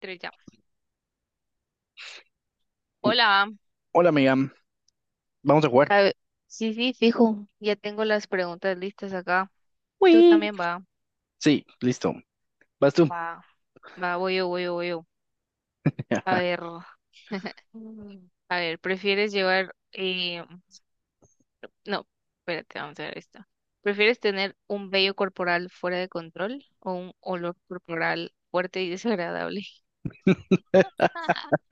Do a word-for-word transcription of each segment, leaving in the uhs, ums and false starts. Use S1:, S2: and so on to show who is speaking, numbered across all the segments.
S1: Tres ya.
S2: Uh,
S1: Hola.
S2: Hola, amiga. Vamos a jugar.
S1: Sí, sí, fijo. Ya tengo las preguntas listas acá. Tú
S2: Uy,
S1: también va.
S2: sí, listo. Vas tú.
S1: Va. Va, voy yo, voy yo, voy yo. A ver. Mm. A ver, ¿prefieres llevar, eh, no, espérate, vamos a ver esta. ¿Prefieres tener un vello corporal fuera de control o un olor corporal fuerte y desagradable?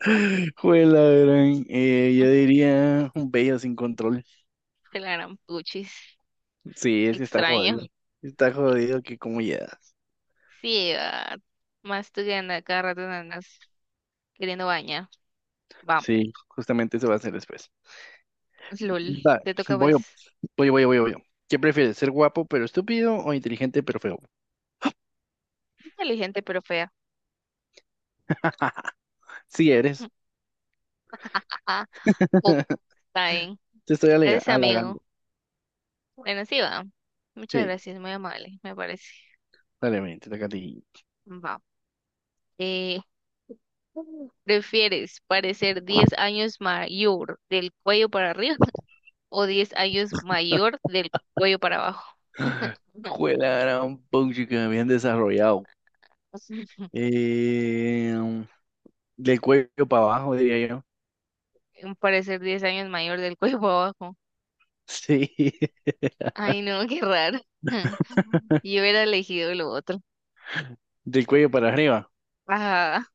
S2: Juela, gran. Eh, yo diría un bello sin control.
S1: De la gran puchis.
S2: Sí, es que está
S1: Extraño.
S2: jodido. Está
S1: Sí,
S2: jodido que como llegas.
S1: sí, va. Más tú que andas cada rato andas queriendo bañar. Vamos,
S2: Sí, justamente eso va a ser después.
S1: LOL.
S2: Va,
S1: Te toca
S2: voy
S1: pues.
S2: yo, voy yo, voy yo, voy yo, voy yo. ¿Qué prefieres, ser guapo pero estúpido o inteligente pero feo?
S1: Inteligente pero fea.
S2: Sí eres.
S1: Ah, ok, está bien.
S2: Te estoy alega-
S1: Gracias,
S2: halagando.
S1: amigo. Bueno, sí va. Muchas
S2: Sí,
S1: gracias, muy amable, me parece.
S2: dale, ven, te toca a ti.
S1: Va. Eh, ¿prefieres parecer diez años mayor del cuello para arriba o diez años mayor del cuello para abajo?
S2: Juela, gran. Puchica, bien desarrollado. Eh, Del cuello para abajo, diría yo.
S1: Parecer diez años mayor del cuello para abajo.
S2: Sí,
S1: Ay, no, qué raro. Yo hubiera elegido lo otro.
S2: del cuello para arriba.
S1: Ajá.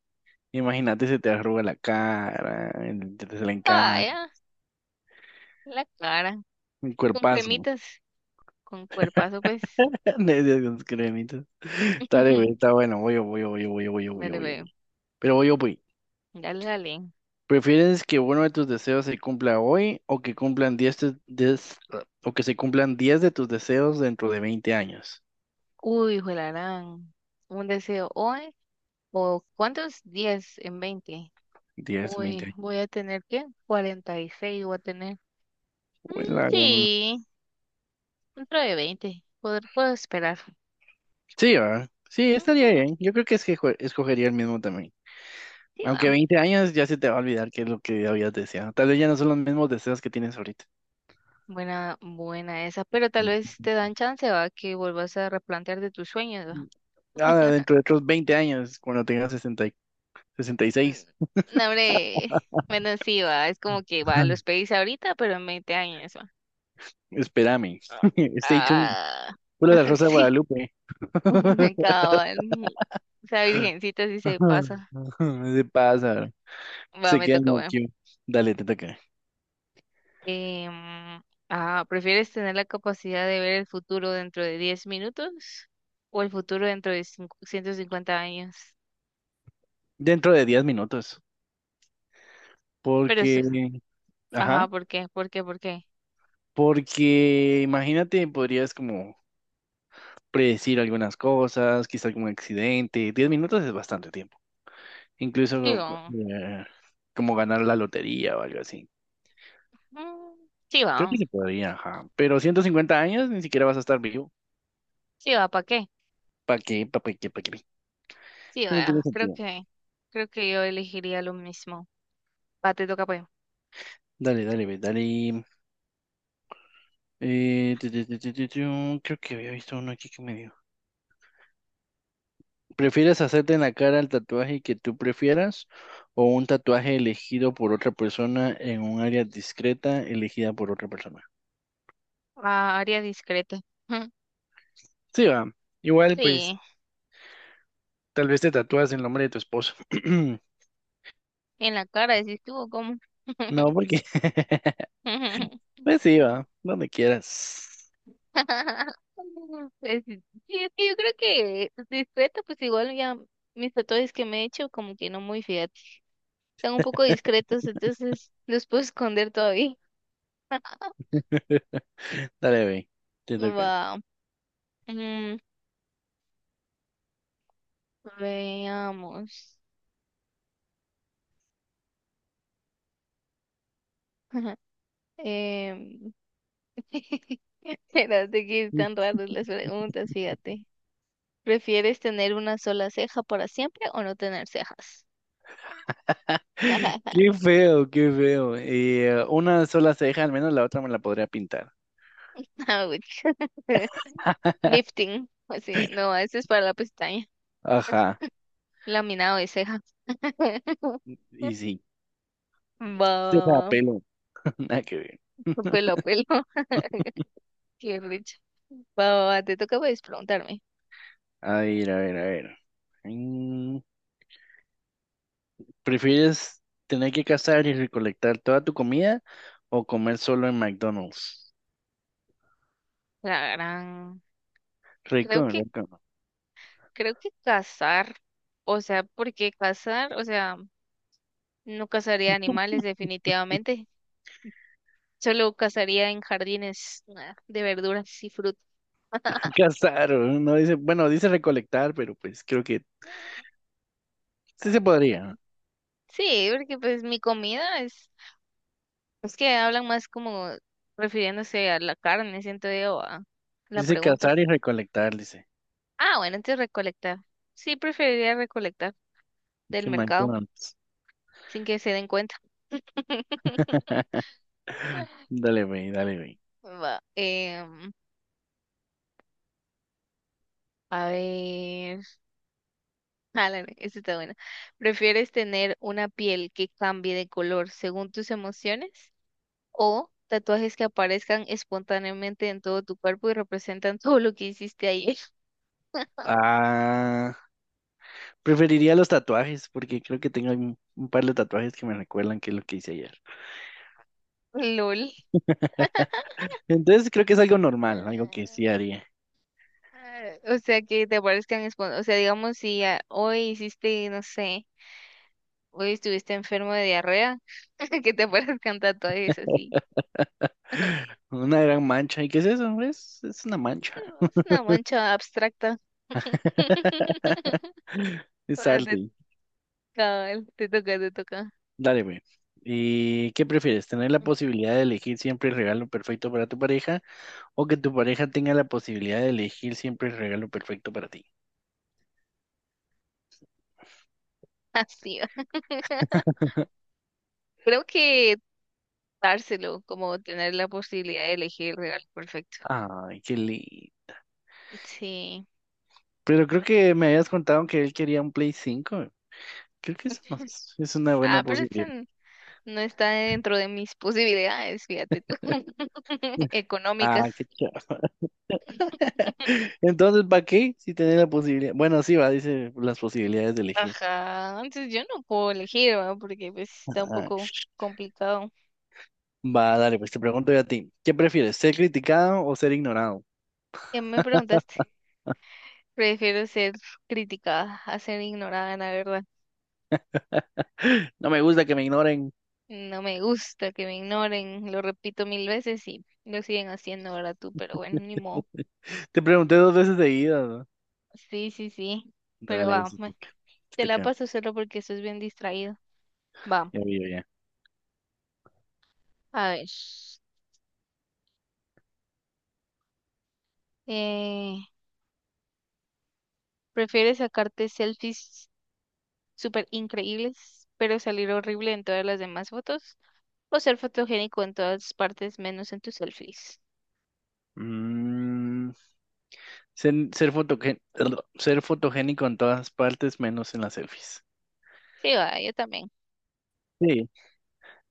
S2: Imagínate, se te arruga la cara, el- te se le
S1: Ah,
S2: encanta,
S1: ya, la cara.
S2: un
S1: Con
S2: cuerpazo.
S1: cremitas, con cuerpazo, pues.
S2: De esas con cremitas. Dale, güey, está bueno. Voy yo, voy yo, voy yo, voy yo, voy yo, voy yo,
S1: Dale,
S2: voy yo,
S1: veo.
S2: pero voy yo, voy.
S1: Dale, dale.
S2: ¿Prefieres que uno de tus deseos se cumpla hoy o que cumplan diez te- diez o que se cumplan diez de tus deseos dentro de veinte años?
S1: Uy, juelarán. Un deseo hoy. ¿O cuántos? Diez en veinte.
S2: Diez veinte
S1: Uy,
S2: años.
S1: voy a tener que seis voy a tener. Mm,
S2: Bueno, la gran.
S1: sí, dentro de veinte, Poder, puedo esperar.
S2: Sí, ¿verdad? Sí,
S1: Ujú,
S2: estaría bien. Yo creo que es que escogería el mismo también.
S1: sí,
S2: Aunque
S1: va.
S2: veinte años ya se te va a olvidar qué es lo que habías deseado. Tal vez ya no son los mismos deseos que tienes ahorita.
S1: Buena, buena esa. Pero tal
S2: Mm.
S1: vez te dan chance, va, que vuelvas a replantear de tus sueños, va.
S2: Ah, dentro de otros veinte años, cuando tengas sesenta y- sesenta y seis.
S1: No, hombre. Bueno, sí, va. Es como que va, los pedís ahorita, pero en veinte años.
S2: Espérame. Stay tuned.
S1: Ah,
S2: Pura la Rosa de
S1: sí,
S2: Guadalupe.
S1: cabal. Esa virgencita sí se pasa.
S2: Se pasa.
S1: Va,
S2: Se
S1: me
S2: quedan
S1: toca, bueno.
S2: aquí. Dale, te toca.
S1: Em, ah, ¿prefieres tener la capacidad de ver el futuro dentro de diez minutos o el futuro dentro de cincu- ciento cincuenta años?
S2: Dentro de diez minutos.
S1: Pero eso,
S2: Porque,
S1: ajá,
S2: ajá,
S1: ¿por qué? ¿Por qué? ¿Por qué?
S2: porque imagínate, podrías como predecir algunas cosas, quizá algún accidente. Diez minutos es bastante tiempo. Incluso
S1: Digo,
S2: eh, como ganar la lotería o algo así.
S1: mm, sí va,
S2: Creo que se podría, ajá. Pero ciento cincuenta años ni siquiera vas a estar vivo.
S1: sí va, ¿para qué?
S2: ¿Para qué? ¿Para qué? ¿Para qué?
S1: Sí
S2: Eso no tiene
S1: va, creo
S2: sentido.
S1: que, creo que yo elegiría lo mismo. Va, te toca, pues.
S2: Dale, dale, ve, dale. Eh, tu, tu, tu, tu, tu, tu. Creo que había visto uno aquí que me dio. ¿Prefieres hacerte en la cara el tatuaje que tú prefieras o un tatuaje elegido por otra persona en un área discreta elegida por otra persona?
S1: Ah, área discreta.
S2: Sí, va. Igual, pues,
S1: Sí,
S2: tal vez te tatúas el nombre de tu esposo.
S1: en la cara, decís tú, o ¿cómo?
S2: No, porque pues sí, va, donde quieras.
S1: Pues, sí, sí, es que yo creo que discreto, pues igual ya mis tatuajes que me he hecho, como que no muy, fíjate. Están un poco discretos, entonces los puedo esconder todavía.
S2: Dale, ve, te toca.
S1: Wow. Mm, veamos. Em, espérate que están raras las preguntas, fíjate. ¿Prefieres tener una sola ceja para siempre o no tener cejas?
S2: Qué feo, qué feo. Y, eh, una sola ceja, al menos la otra me la podría pintar.
S1: Ouch. Lifting. O sea, no, ese es para la pestaña.
S2: Ajá,
S1: Laminado de ceja.
S2: y sí.
S1: Va, va,
S2: Ceja a
S1: va.
S2: pelo, nada que ver.
S1: Pelo, pelo. Qué rico. Va, va, va, te toca pues preguntarme.
S2: A ver, a ver, a ver. Mm, ¿Prefieres tener que cazar y recolectar toda tu comida o comer solo en McDonald's?
S1: La gran. Creo
S2: Rico,
S1: que,
S2: rico.
S1: creo que cazar. O sea, porque cazar, o sea, no cazaría animales definitivamente. Solo cazaría en jardines ah, de verduras y frutas.
S2: Cazar, no. No dice, bueno, dice recolectar, pero pues creo que sí se podría.
S1: Sí, porque pues mi comida es Es que hablan más como refiriéndose a la carne, siento yo, a la
S2: Dice
S1: pregunta.
S2: cazar y recolectar, dice.
S1: Ah, bueno, entonces recolectar. Sí, preferiría recolectar del
S2: Que
S1: mercado
S2: McDonald's.
S1: sin que se den cuenta.
S2: Dale, güey, dale, güey.
S1: Va, em, a ver, ah álale, esta está buena. ¿Prefieres tener una piel que cambie de color según tus emociones o tatuajes que aparezcan espontáneamente en todo tu cuerpo y representan todo lo que hiciste ayer?
S2: Ah, preferiría los tatuajes porque creo que tengo un, un par de tatuajes que me recuerdan que es lo que hice ayer.
S1: LOL.
S2: Entonces creo que es algo normal, algo que sí haría.
S1: Ah, o sea, que te parezcan espon- o sea, digamos, si ah, hoy hiciste, no sé, hoy estuviste enfermo de diarrea, que te parezcan tatuajes así.
S2: Una gran mancha. ¿Y qué es eso? Es, es una mancha.
S1: Es una mancha abstracta.
S2: Es
S1: Ah, Te,
S2: arte.
S1: cabal, te toca, te toca.
S2: Dale, güey. ¿Y qué prefieres? ¿Tener la posibilidad de elegir siempre el regalo perfecto para tu pareja o que tu pareja tenga la posibilidad de elegir siempre el regalo perfecto para ti?
S1: Así va. Creo que dárselo, como tener la posibilidad de elegir el regalo perfecto.
S2: Ay, qué lindo.
S1: Sí.
S2: Pero creo que me habías contado que él quería un Play cinco. Creo que eso no es, es una buena
S1: Ah, pero este
S2: posibilidad.
S1: no está dentro de mis posibilidades, fíjate tú, económicas.
S2: Ah, qué chido. Entonces, ¿para qué? Si tenés la posibilidad. Bueno, sí, va, dice las posibilidades de elegir.
S1: Ajá, entonces yo no puedo elegir, ¿verdad? Porque pues está un
S2: Ajá.
S1: poco complicado.
S2: Va, dale, pues te pregunto yo a ti. ¿Qué prefieres, ser criticado o ser ignorado?
S1: Ya me preguntaste, prefiero ser criticada a ser ignorada, la verdad.
S2: No me gusta que me ignoren.
S1: No me gusta que me ignoren, lo repito mil veces y lo siguen haciendo, ¿ahora tú? Pero bueno, ni modo.
S2: Te pregunté dos veces seguidas, ¿no?
S1: Sí, sí, sí, pero
S2: Dale, pues
S1: va,
S2: te
S1: me-
S2: toca. Te
S1: te la
S2: toca.
S1: paso solo porque eso es bien distraído. Va,
S2: Ya vi, ya.
S1: a ver. Eh, Prefieres sacarte selfies súper increíbles, pero salir horrible en todas las demás fotos, o ser fotogénico en todas partes menos en tus selfies.
S2: Mm, ser, ser, fotogen- ser fotogénico en todas partes menos en las selfies.
S1: Sí, va, yo también.
S2: Sí,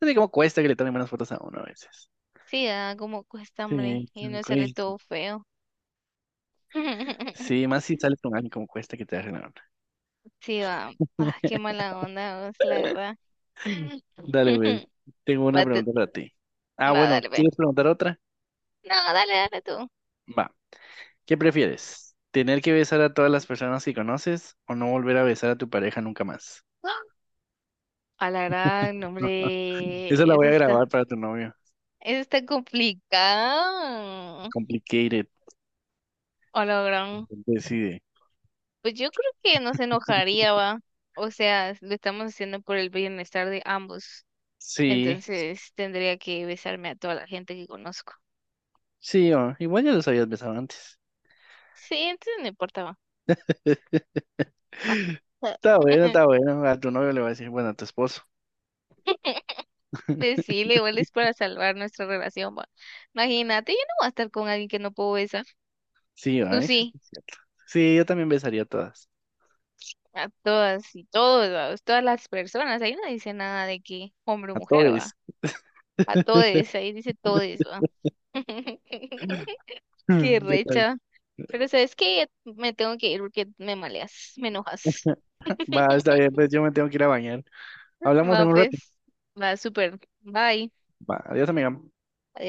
S2: no sé cómo cuesta que le tomen buenas fotos a uno a veces.
S1: Sí, va, como cuesta, hombre,
S2: Sí, sí,
S1: y no sale
S2: güey.
S1: todo feo.
S2: Sí, más si sales con alguien, como cuesta que te hagan una.
S1: Sí, va. Ah, qué mala onda, vos, la verdad.
S2: Dale, pues. Tengo una
S1: Va, te-
S2: pregunta para ti. Ah,
S1: va,
S2: bueno,
S1: dale, ve.
S2: ¿quieres preguntar otra?
S1: No, dale, dale tú.
S2: Va. ¿Qué prefieres? ¿Tener que besar a todas las personas que conoces o no volver a besar a tu pareja nunca más?
S1: ¡Ah! A la gran,
S2: Esa
S1: hombre,
S2: la
S1: eso
S2: voy a
S1: está,
S2: grabar para tu novio.
S1: eso está complicado.
S2: Complicated.
S1: A la gran.
S2: Decide.
S1: Pues yo creo que nos enojaría, va. O sea, lo estamos haciendo por el bienestar de ambos.
S2: Sí,
S1: Entonces tendría que besarme a toda la gente que conozco.
S2: sí, oh, igual ya los habías besado antes.
S1: Sí, entonces no importa, va. Ah.
S2: Está bueno, está bueno. A tu novio le va a decir, bueno, a tu esposo.
S1: Decirle, igual es para salvar nuestra relación, va. Imagínate, yo no voy a estar con alguien que no puedo besar.
S2: Sí, oh,
S1: Tú sí,
S2: sí, yo también besaría a todas.
S1: a todas y todos, va, todas las personas. Ahí no dice nada de que hombre o
S2: A
S1: mujer,
S2: todes.
S1: va. A todes, ahí dice todes, va. Qué
S2: Yo también.
S1: recha. Pero sabes que me tengo que ir porque me maleas, me enojas.
S2: Va, está bien, pues yo me tengo que ir a bañar. Hablamos en
S1: Va,
S2: un rato.
S1: pues, va súper. Bye.
S2: Va, adiós, amiga.
S1: Adiós.